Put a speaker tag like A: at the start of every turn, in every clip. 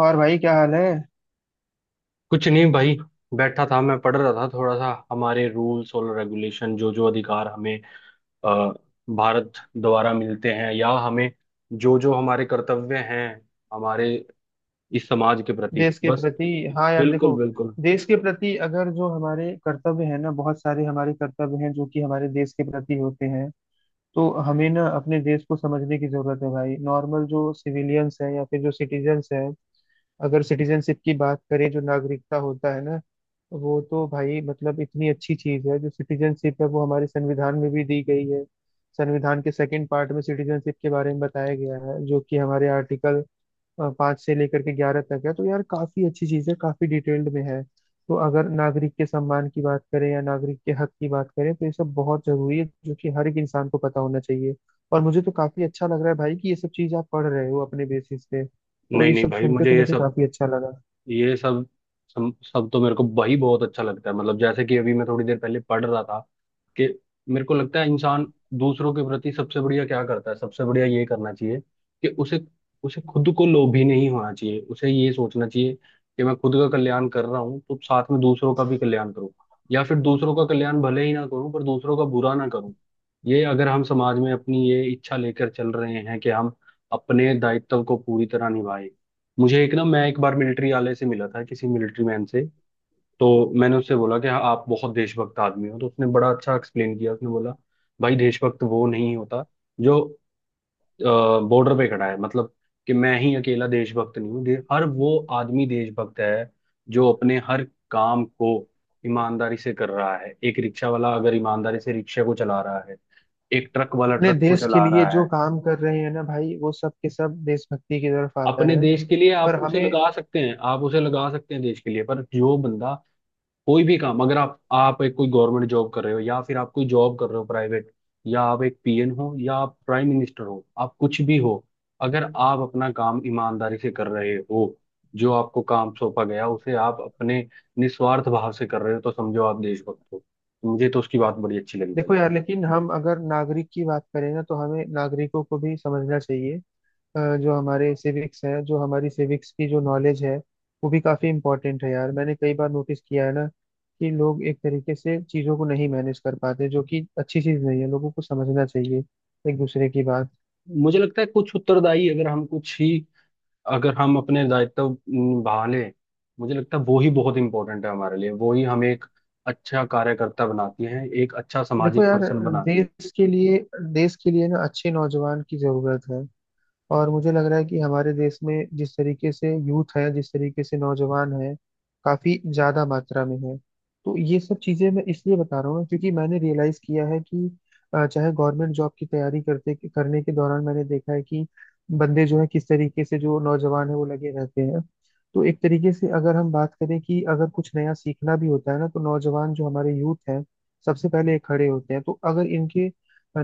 A: और भाई क्या हाल है।
B: कुछ नहीं भाई। बैठा था, मैं पढ़ रहा था थोड़ा सा हमारे रूल्स और रेगुलेशन, जो जो अधिकार हमें अ, भारत द्वारा मिलते हैं, या हमें जो जो हमारे कर्तव्य हैं हमारे इस समाज के प्रति।
A: देश के
B: बस।
A: प्रति, हाँ यार
B: बिल्कुल,
A: देखो,
B: बिल्कुल।
A: देश के प्रति अगर जो हमारे कर्तव्य है ना, बहुत सारे हमारे कर्तव्य हैं जो कि हमारे देश के प्रति होते हैं। तो हमें ना अपने देश को समझने की जरूरत है भाई। नॉर्मल जो सिविलियंस है या फिर जो सिटीजन्स है, अगर सिटीजनशिप की बात करें, जो नागरिकता होता है ना, वो तो भाई मतलब इतनी अच्छी चीज है। जो सिटीजनशिप है वो हमारे संविधान में भी दी गई है। संविधान के सेकंड पार्ट में सिटीजनशिप के बारे में बताया गया है, जो कि हमारे आर्टिकल 5 से लेकर के 11 तक है। तो यार काफी अच्छी चीज है, काफी डिटेल्ड में है। तो अगर नागरिक के सम्मान की बात करें या नागरिक के हक की बात करें, तो ये सब बहुत जरूरी है जो कि हर एक इंसान को पता होना चाहिए। और मुझे तो काफी अच्छा लग रहा है भाई कि ये सब चीज आप पढ़ रहे हो अपने बेसिस पे। तो
B: नहीं,
A: ये
B: नहीं
A: सब
B: भाई,
A: सुन के
B: मुझे
A: तो मुझे काफी अच्छा लगा।
B: ये सब सब सब तो मेरे को वही बहुत अच्छा लगता है। मतलब जैसे कि अभी मैं थोड़ी देर पहले पढ़ रहा था कि मेरे को लगता है इंसान दूसरों के प्रति सबसे बढ़िया क्या करता है। सबसे बढ़िया ये करना चाहिए कि उसे उसे खुद को लोभी नहीं होना चाहिए। उसे ये सोचना चाहिए कि मैं खुद का कल्याण कर रहा हूँ तो साथ में दूसरों का भी कल्याण करूँ, या फिर दूसरों का कल्याण भले ही ना करूँ पर दूसरों का बुरा ना करूँ। ये अगर हम समाज में अपनी ये इच्छा लेकर चल रहे हैं कि हम अपने दायित्व को पूरी तरह निभाएं। मुझे एक ना मैं एक बार मिलिट्री वाले से मिला था, किसी मिलिट्री मैन से। तो मैंने उससे बोला कि हाँ आप बहुत देशभक्त आदमी हो। तो उसने बड़ा अच्छा एक्सप्लेन किया। उसने बोला भाई, देशभक्त वो नहीं होता जो बॉर्डर पे खड़ा है। मतलब कि मैं ही अकेला देशभक्त नहीं हूँ, हर वो आदमी देशभक्त है जो अपने हर काम को ईमानदारी से कर रहा है। एक रिक्शा वाला अगर ईमानदारी से रिक्शा को चला रहा है, एक ट्रक वाला
A: अपने
B: ट्रक को
A: देश के
B: चला
A: लिए
B: रहा
A: जो
B: है
A: काम कर रहे हैं ना भाई, वो सब के सब देशभक्ति की तरफ आता
B: अपने
A: है।
B: देश के लिए, आप
A: पर
B: उसे
A: हमें,
B: लगा सकते हैं। आप उसे लगा सकते हैं देश के लिए। पर जो बंदा कोई भी काम, अगर आप एक कोई गवर्नमेंट जॉब कर रहे हो या फिर आप कोई जॉब कर रहे हो प्राइवेट, या आप एक पीएन हो या आप प्राइम मिनिस्टर हो, आप कुछ भी हो, अगर आप अपना काम ईमानदारी से कर रहे हो, जो आपको काम सौंपा गया उसे आप अपने निस्वार्थ भाव से कर रहे हो तो समझो आप देशभक्त हो। मुझे तो उसकी बात बड़ी अच्छी लगी भाई।
A: देखो यार, लेकिन हम अगर नागरिक की बात करें ना, तो हमें नागरिकों को भी समझना चाहिए। जो हमारे सिविक्स है, जो हमारी सिविक्स की जो नॉलेज है, वो भी काफ़ी इंपॉर्टेंट है यार। मैंने कई बार नोटिस किया है ना कि लोग एक तरीके से चीज़ों को नहीं मैनेज कर पाते, जो कि अच्छी चीज़ नहीं है। लोगों को समझना चाहिए एक दूसरे की बात।
B: मुझे लगता है कुछ उत्तरदायी, अगर हम अपने दायित्व निभा लें, मुझे लगता है वो ही बहुत इंपॉर्टेंट है हमारे लिए। वो ही हमें एक अच्छा कार्यकर्ता बनाती है, एक अच्छा
A: देखो
B: सामाजिक
A: यार,
B: पर्सन बनाती है।
A: देश के लिए, देश के लिए ना अच्छे नौजवान की ज़रूरत है। और मुझे लग रहा है कि हमारे देश में जिस तरीके से यूथ है, जिस तरीके से नौजवान है, काफी ज्यादा मात्रा में है। तो ये सब चीजें मैं इसलिए बता रहा हूँ क्योंकि मैंने रियलाइज किया है कि चाहे गवर्नमेंट जॉब की तैयारी करते करने के दौरान मैंने देखा है कि बंदे जो है, किस तरीके से जो नौजवान है वो लगे रहते हैं। तो एक तरीके से अगर हम बात करें कि अगर कुछ नया सीखना भी होता है ना, तो नौजवान जो हमारे यूथ हैं, सबसे पहले ये खड़े होते हैं। तो अगर इनके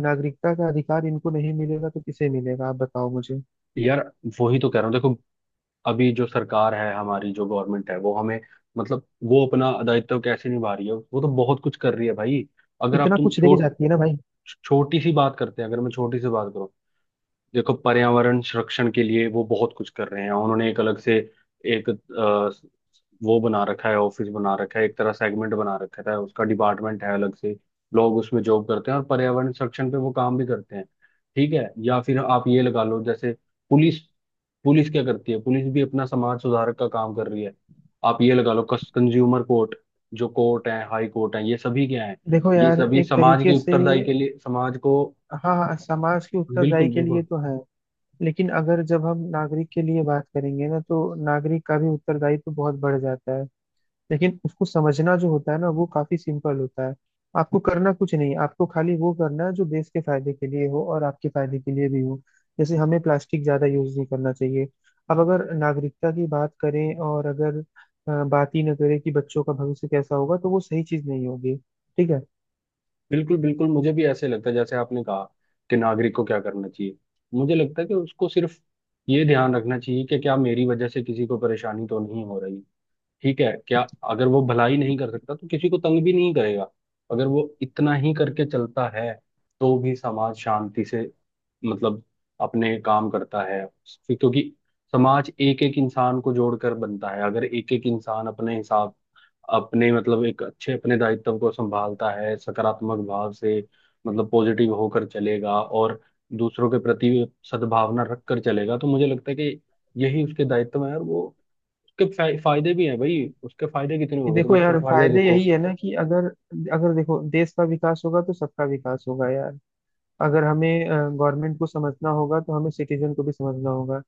A: नागरिकता का अधिकार इनको नहीं मिलेगा तो किसे मिलेगा, आप बताओ मुझे।
B: यार वो ही तो कह रहा हूँ, देखो, अभी जो सरकार है, हमारी जो गवर्नमेंट है, वो हमें मतलब वो अपना दायित्व कैसे निभा रही है, वो तो बहुत कुछ कर रही है भाई। अगर आप
A: इतना
B: तुम
A: कुछ दे के जाती है ना भाई।
B: छोटी सी बात करते हैं, अगर मैं छोटी सी बात करूं, देखो पर्यावरण संरक्षण के लिए वो बहुत कुछ कर रहे हैं। उन्होंने एक अलग से एक वो बना रखा है, ऑफिस बना रखा है, एक तरह सेगमेंट बना रखा है, उसका डिपार्टमेंट है अलग से। लोग उसमें जॉब करते हैं और पर्यावरण संरक्षण पे वो काम भी करते हैं। ठीक है, या फिर आप ये लगा लो जैसे पुलिस। पुलिस क्या करती है, पुलिस भी अपना समाज सुधारक का काम कर रही है। आप ये लगा लो कंज्यूमर कोर्ट, जो कोर्ट है, हाई कोर्ट है, ये सभी क्या है?
A: देखो
B: ये
A: यार,
B: सभी
A: एक
B: समाज
A: तरीके
B: की
A: से,
B: उत्तरदायी के लिए समाज को।
A: हाँ हाँ, समाज की उत्तरदायी
B: बिल्कुल,
A: के लिए
B: बिल्कुल।
A: तो है, लेकिन अगर जब हम नागरिक के लिए बात करेंगे ना, तो नागरिक का भी उत्तरदायित्व बहुत बढ़ जाता है। लेकिन उसको समझना जो होता है ना, वो काफी सिंपल होता है। आपको करना कुछ नहीं, आपको खाली वो करना है जो देश के फायदे के लिए हो और आपके फायदे के लिए भी हो। जैसे हमें प्लास्टिक ज्यादा यूज नहीं करना चाहिए। अब अगर नागरिकता की बात करें और अगर बात ही न करें कि बच्चों का भविष्य कैसा होगा, तो वो सही चीज नहीं होगी। ठीक है।
B: बिल्कुल, बिल्कुल, मुझे भी ऐसे लगता है जैसे आपने कहा कि नागरिक को क्या करना चाहिए। मुझे लगता है कि उसको सिर्फ ये ध्यान रखना चाहिए कि क्या मेरी वजह से किसी को परेशानी तो नहीं हो रही। ठीक है क्या? अगर वो भलाई नहीं कर सकता तो किसी को तंग भी नहीं करेगा। अगर वो इतना ही करके चलता है तो भी समाज शांति से, मतलब, अपने काम करता है। फिर क्योंकि समाज एक एक इंसान को जोड़कर बनता है, अगर एक एक इंसान अपने हिसाब, अपने मतलब एक अच्छे अपने दायित्व को संभालता है सकारात्मक भाव से, मतलब पॉजिटिव होकर चलेगा और दूसरों के प्रति सद्भावना रख कर चलेगा, तो मुझे लगता है कि यही उसके दायित्व है। और वो उसके फायदे भी हैं भाई। उसके फायदे कितने होंगे, तुम
A: देखो
B: उसके
A: यार,
B: फायदे
A: फायदे यही
B: देखो।
A: है ना कि अगर, अगर देखो देश का विकास होगा तो सबका विकास होगा यार। अगर हमें गवर्नमेंट को समझना होगा, तो हमें सिटीजन को भी समझना होगा।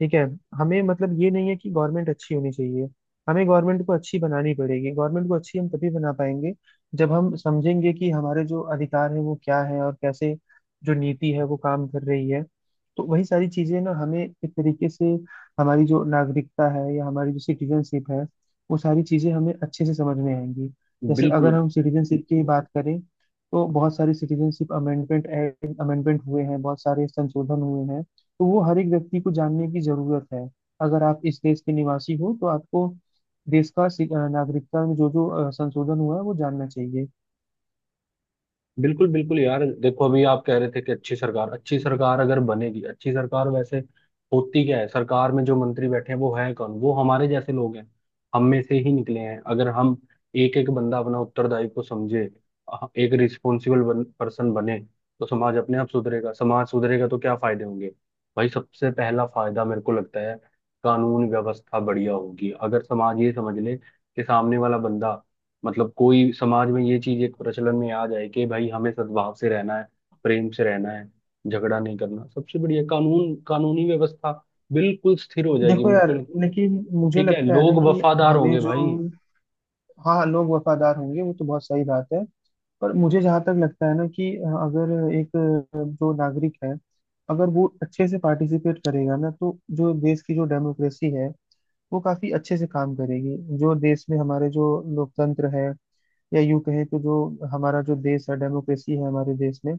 A: ठीक है। हमें मतलब ये नहीं है कि गवर्नमेंट अच्छी होनी चाहिए, हमें गवर्नमेंट को अच्छी बनानी पड़ेगी। गवर्नमेंट को अच्छी हम तभी बना पाएंगे जब हम समझेंगे कि हमारे जो अधिकार है वो क्या है, और कैसे जो नीति है वो काम कर रही है। तो वही सारी चीजें ना हमें एक तरीके से, हमारी जो नागरिकता है या हमारी जो सिटीजनशिप है, वो सारी चीजें हमें अच्छे से समझ में आएंगी। जैसे अगर
B: बिल्कुल,
A: हम सिटीजनशिप की बात करें, तो बहुत सारे सिटीजनशिप अमेंडमेंट एक्ट अमेंडमेंट हुए हैं, बहुत सारे संशोधन हुए हैं। तो वो हर एक व्यक्ति को जानने की जरूरत है। अगर आप इस देश के निवासी हो तो आपको देश का नागरिकता में जो जो संशोधन हुआ है वो जानना चाहिए।
B: बिल्कुल, बिल्कुल। यार देखो, अभी आप कह रहे थे कि अच्छी सरकार, अच्छी सरकार अगर बनेगी, अच्छी सरकार वैसे होती क्या है? सरकार में जो मंत्री बैठे हैं, वो हैं कौन? वो हमारे जैसे लोग हैं, हम में से ही निकले हैं। अगर हम एक एक बंदा अपना उत्तरदायी को समझे, एक रिस्पॉन्सिबल पर्सन बने, तो समाज अपने आप सुधरेगा। समाज सुधरेगा तो क्या फायदे होंगे? भाई सबसे पहला फायदा मेरे को लगता है कानून व्यवस्था बढ़िया होगी। अगर समाज ये समझ ले कि सामने वाला बंदा, मतलब, कोई समाज में ये चीज एक प्रचलन में आ जाए कि भाई हमें सद्भाव से रहना है, प्रेम से रहना है, झगड़ा नहीं करना, सबसे बढ़िया कानूनी व्यवस्था बिल्कुल स्थिर हो जाएगी,
A: देखो यार,
B: बिल्कुल।
A: लेकिन मुझे
B: ठीक है,
A: लगता है ना
B: लोग
A: कि
B: वफादार
A: हमें
B: होंगे
A: जो,
B: भाई।
A: हाँ हाँ, लोग
B: हाँ,
A: वफादार होंगे वो तो बहुत सही बात है। पर मुझे जहाँ तक लगता है ना कि अगर एक जो नागरिक है, अगर वो अच्छे से पार्टिसिपेट करेगा ना, तो जो देश की जो डेमोक्रेसी है वो काफी अच्छे से काम करेगी। जो देश में हमारे जो लोकतंत्र है, या यूं कहें कि जो हमारा जो देश है, डेमोक्रेसी है हमारे देश में,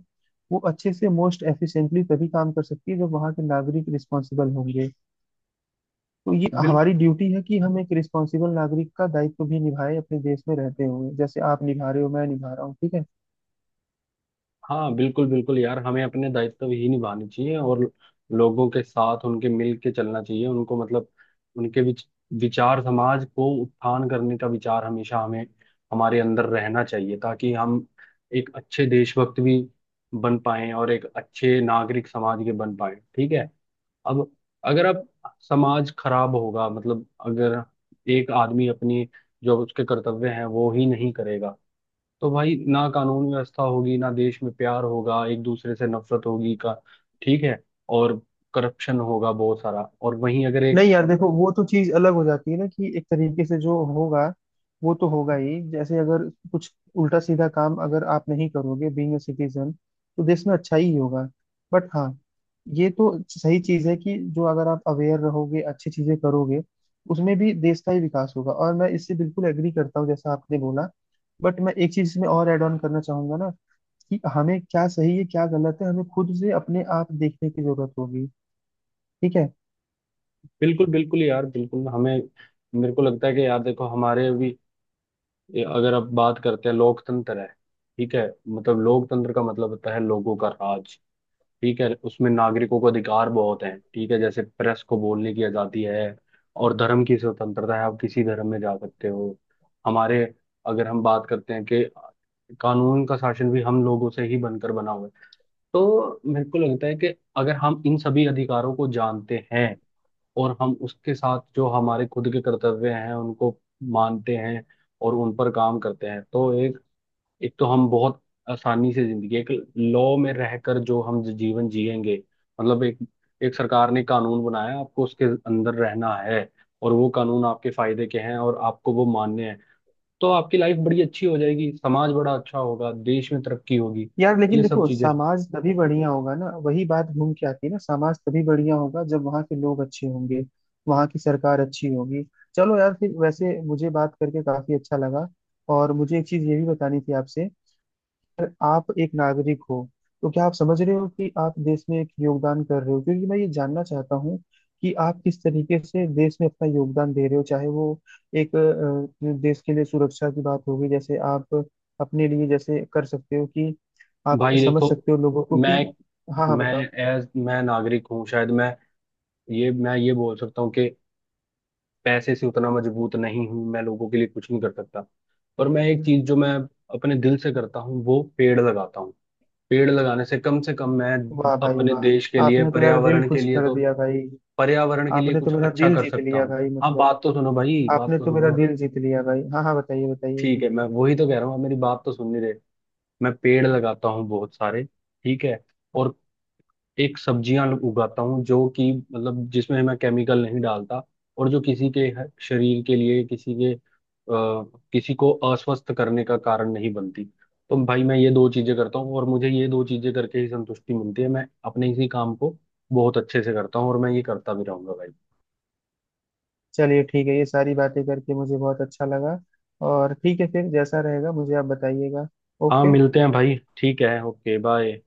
A: वो अच्छे से मोस्ट एफिशिएंटली तभी काम कर सकती है जब वहाँ के नागरिक रिस्पॉन्सिबल होंगे। तो ये हमारी ड्यूटी है कि हम एक रिस्पॉन्सिबल नागरिक का दायित्व भी निभाए अपने देश में रहते हुए, जैसे आप निभा रहे हो, मैं निभा रहा हूँ। ठीक है।
B: हाँ। बिल्कुल, बिल्कुल यार, हमें अपने दायित्व ही निभाने चाहिए और लोगों के साथ उनके मिल के चलना चाहिए। उनको मतलब उनके विचार, समाज को उत्थान करने का विचार हमेशा हमें हमारे अंदर रहना चाहिए ताकि हम एक अच्छे देशभक्त भी बन पाए और एक अच्छे नागरिक समाज के बन पाए। ठीक है। अब, अगर अब समाज खराब होगा मतलब अगर एक आदमी अपनी, जो उसके कर्तव्य हैं वो ही नहीं करेगा, तो भाई ना कानून व्यवस्था होगी, ना देश में प्यार होगा, एक दूसरे से नफरत होगी का। ठीक है, और करप्शन होगा बहुत सारा। और वहीं अगर एक
A: नहीं यार, देखो वो तो चीज अलग हो जाती है ना कि एक तरीके से जो होगा वो तो होगा ही। जैसे अगर कुछ उल्टा सीधा काम अगर आप नहीं करोगे बीइंग अ सिटीजन, तो देश में अच्छा ही होगा। बट हाँ, ये तो सही चीज है कि जो अगर आप अवेयर रहोगे, अच्छी चीजें करोगे, उसमें भी देश का ही विकास होगा। और मैं इससे बिल्कुल एग्री करता हूँ जैसा आपने बोला। बट मैं एक चीज इसमें और एड ऑन करना चाहूंगा ना, कि हमें क्या सही है क्या गलत है, हमें खुद से अपने आप देखने की जरूरत होगी। ठीक है।
B: बिल्कुल, बिल्कुल यार, बिल्कुल। हमें मेरे को लगता है कि यार देखो हमारे अभी, अगर आप बात करते हैं, लोकतंत्र है, ठीक है, मतलब लोकतंत्र का मतलब होता है लोगों का राज। ठीक है, उसमें नागरिकों को अधिकार बहुत हैं। ठीक है, जैसे प्रेस को बोलने की आजादी है और धर्म की स्वतंत्रता है, आप किसी धर्म में जा सकते हो। हमारे अगर हम बात करते हैं कि कानून का शासन भी हम लोगों से ही बनकर बना हुआ है, तो मेरे को लगता है कि अगर हम इन सभी अधिकारों को जानते हैं और हम उसके साथ जो हमारे खुद के कर्तव्य हैं उनको मानते हैं और उन पर काम करते हैं तो एक, एक तो हम बहुत आसानी से जिंदगी एक लॉ में रहकर जो हम जीवन जिएंगे, मतलब एक एक सरकार ने कानून बनाया, आपको उसके अंदर रहना है और वो कानून आपके फायदे के हैं और आपको वो मान्य है, तो आपकी लाइफ बड़ी अच्छी हो जाएगी, समाज बड़ा अच्छा होगा, देश में तरक्की होगी।
A: यार लेकिन
B: ये सब
A: देखो,
B: चीजें।
A: समाज तभी बढ़िया होगा ना, वही बात घूम के आती है ना, समाज तभी बढ़िया होगा जब वहाँ के लोग अच्छे होंगे, वहाँ की सरकार अच्छी होगी। चलो यार, फिर वैसे मुझे बात करके काफी अच्छा लगा। और मुझे एक चीज ये भी बतानी थी आपसे। अगर आप एक नागरिक हो, तो क्या आप समझ रहे हो कि आप देश में एक योगदान कर रहे हो? क्योंकि मैं ये जानना चाहता हूँ कि आप किस तरीके से देश में अपना योगदान दे रहे हो। चाहे वो एक देश के लिए सुरक्षा की बात होगी, जैसे आप अपने लिए जैसे कर सकते हो, कि आप
B: भाई
A: समझ
B: देखो,
A: सकते हो लोगों को
B: मैं
A: कि, हाँ हाँ
B: मैं
A: बताओ।
B: एज मैं नागरिक हूँ शायद। मैं ये बोल सकता हूँ कि पैसे से उतना मजबूत नहीं हूं, मैं लोगों के लिए कुछ नहीं कर सकता। पर मैं एक चीज जो मैं अपने दिल से करता हूँ वो पेड़ लगाता हूँ। पेड़ लगाने से कम मैं
A: वाह भाई
B: अपने देश के
A: वाह,
B: लिए,
A: आपने तो यार दिल
B: पर्यावरण के
A: खुश
B: लिए
A: कर
B: तो
A: दिया भाई।
B: पर्यावरण के लिए
A: आपने तो
B: कुछ
A: मेरा
B: अच्छा
A: दिल
B: कर
A: जीत
B: सकता
A: लिया
B: हूँ।
A: भाई,
B: हाँ,
A: मतलब
B: बात तो सुनो भाई, बात
A: आपने
B: तो
A: तो मेरा
B: सुनो।
A: दिल जीत लिया भाई। हाँ हाँ, बताइए बताइए।
B: ठीक है, मैं वही तो कह रहा हूँ, आप मेरी बात तो सुन नहीं रहे। मैं पेड़ लगाता हूँ बहुत सारे। ठीक है, और एक सब्जियां उगाता हूँ जो कि, मतलब, जिसमें मैं केमिकल नहीं डालता, और जो किसी के शरीर के लिए, किसी के किसी को अस्वस्थ करने का कारण नहीं बनती। तो भाई मैं ये दो चीजें करता हूँ और मुझे ये दो चीजें करके ही संतुष्टि मिलती है। मैं अपने इसी काम को बहुत अच्छे से करता हूँ और मैं ये करता भी रहूंगा भाई।
A: चलिए ठीक है, ये सारी बातें करके मुझे बहुत अच्छा लगा। और ठीक है, फिर जैसा रहेगा मुझे आप बताइएगा।
B: हाँ,
A: ओके।
B: मिलते हैं भाई। ठीक है, ओके, बाय।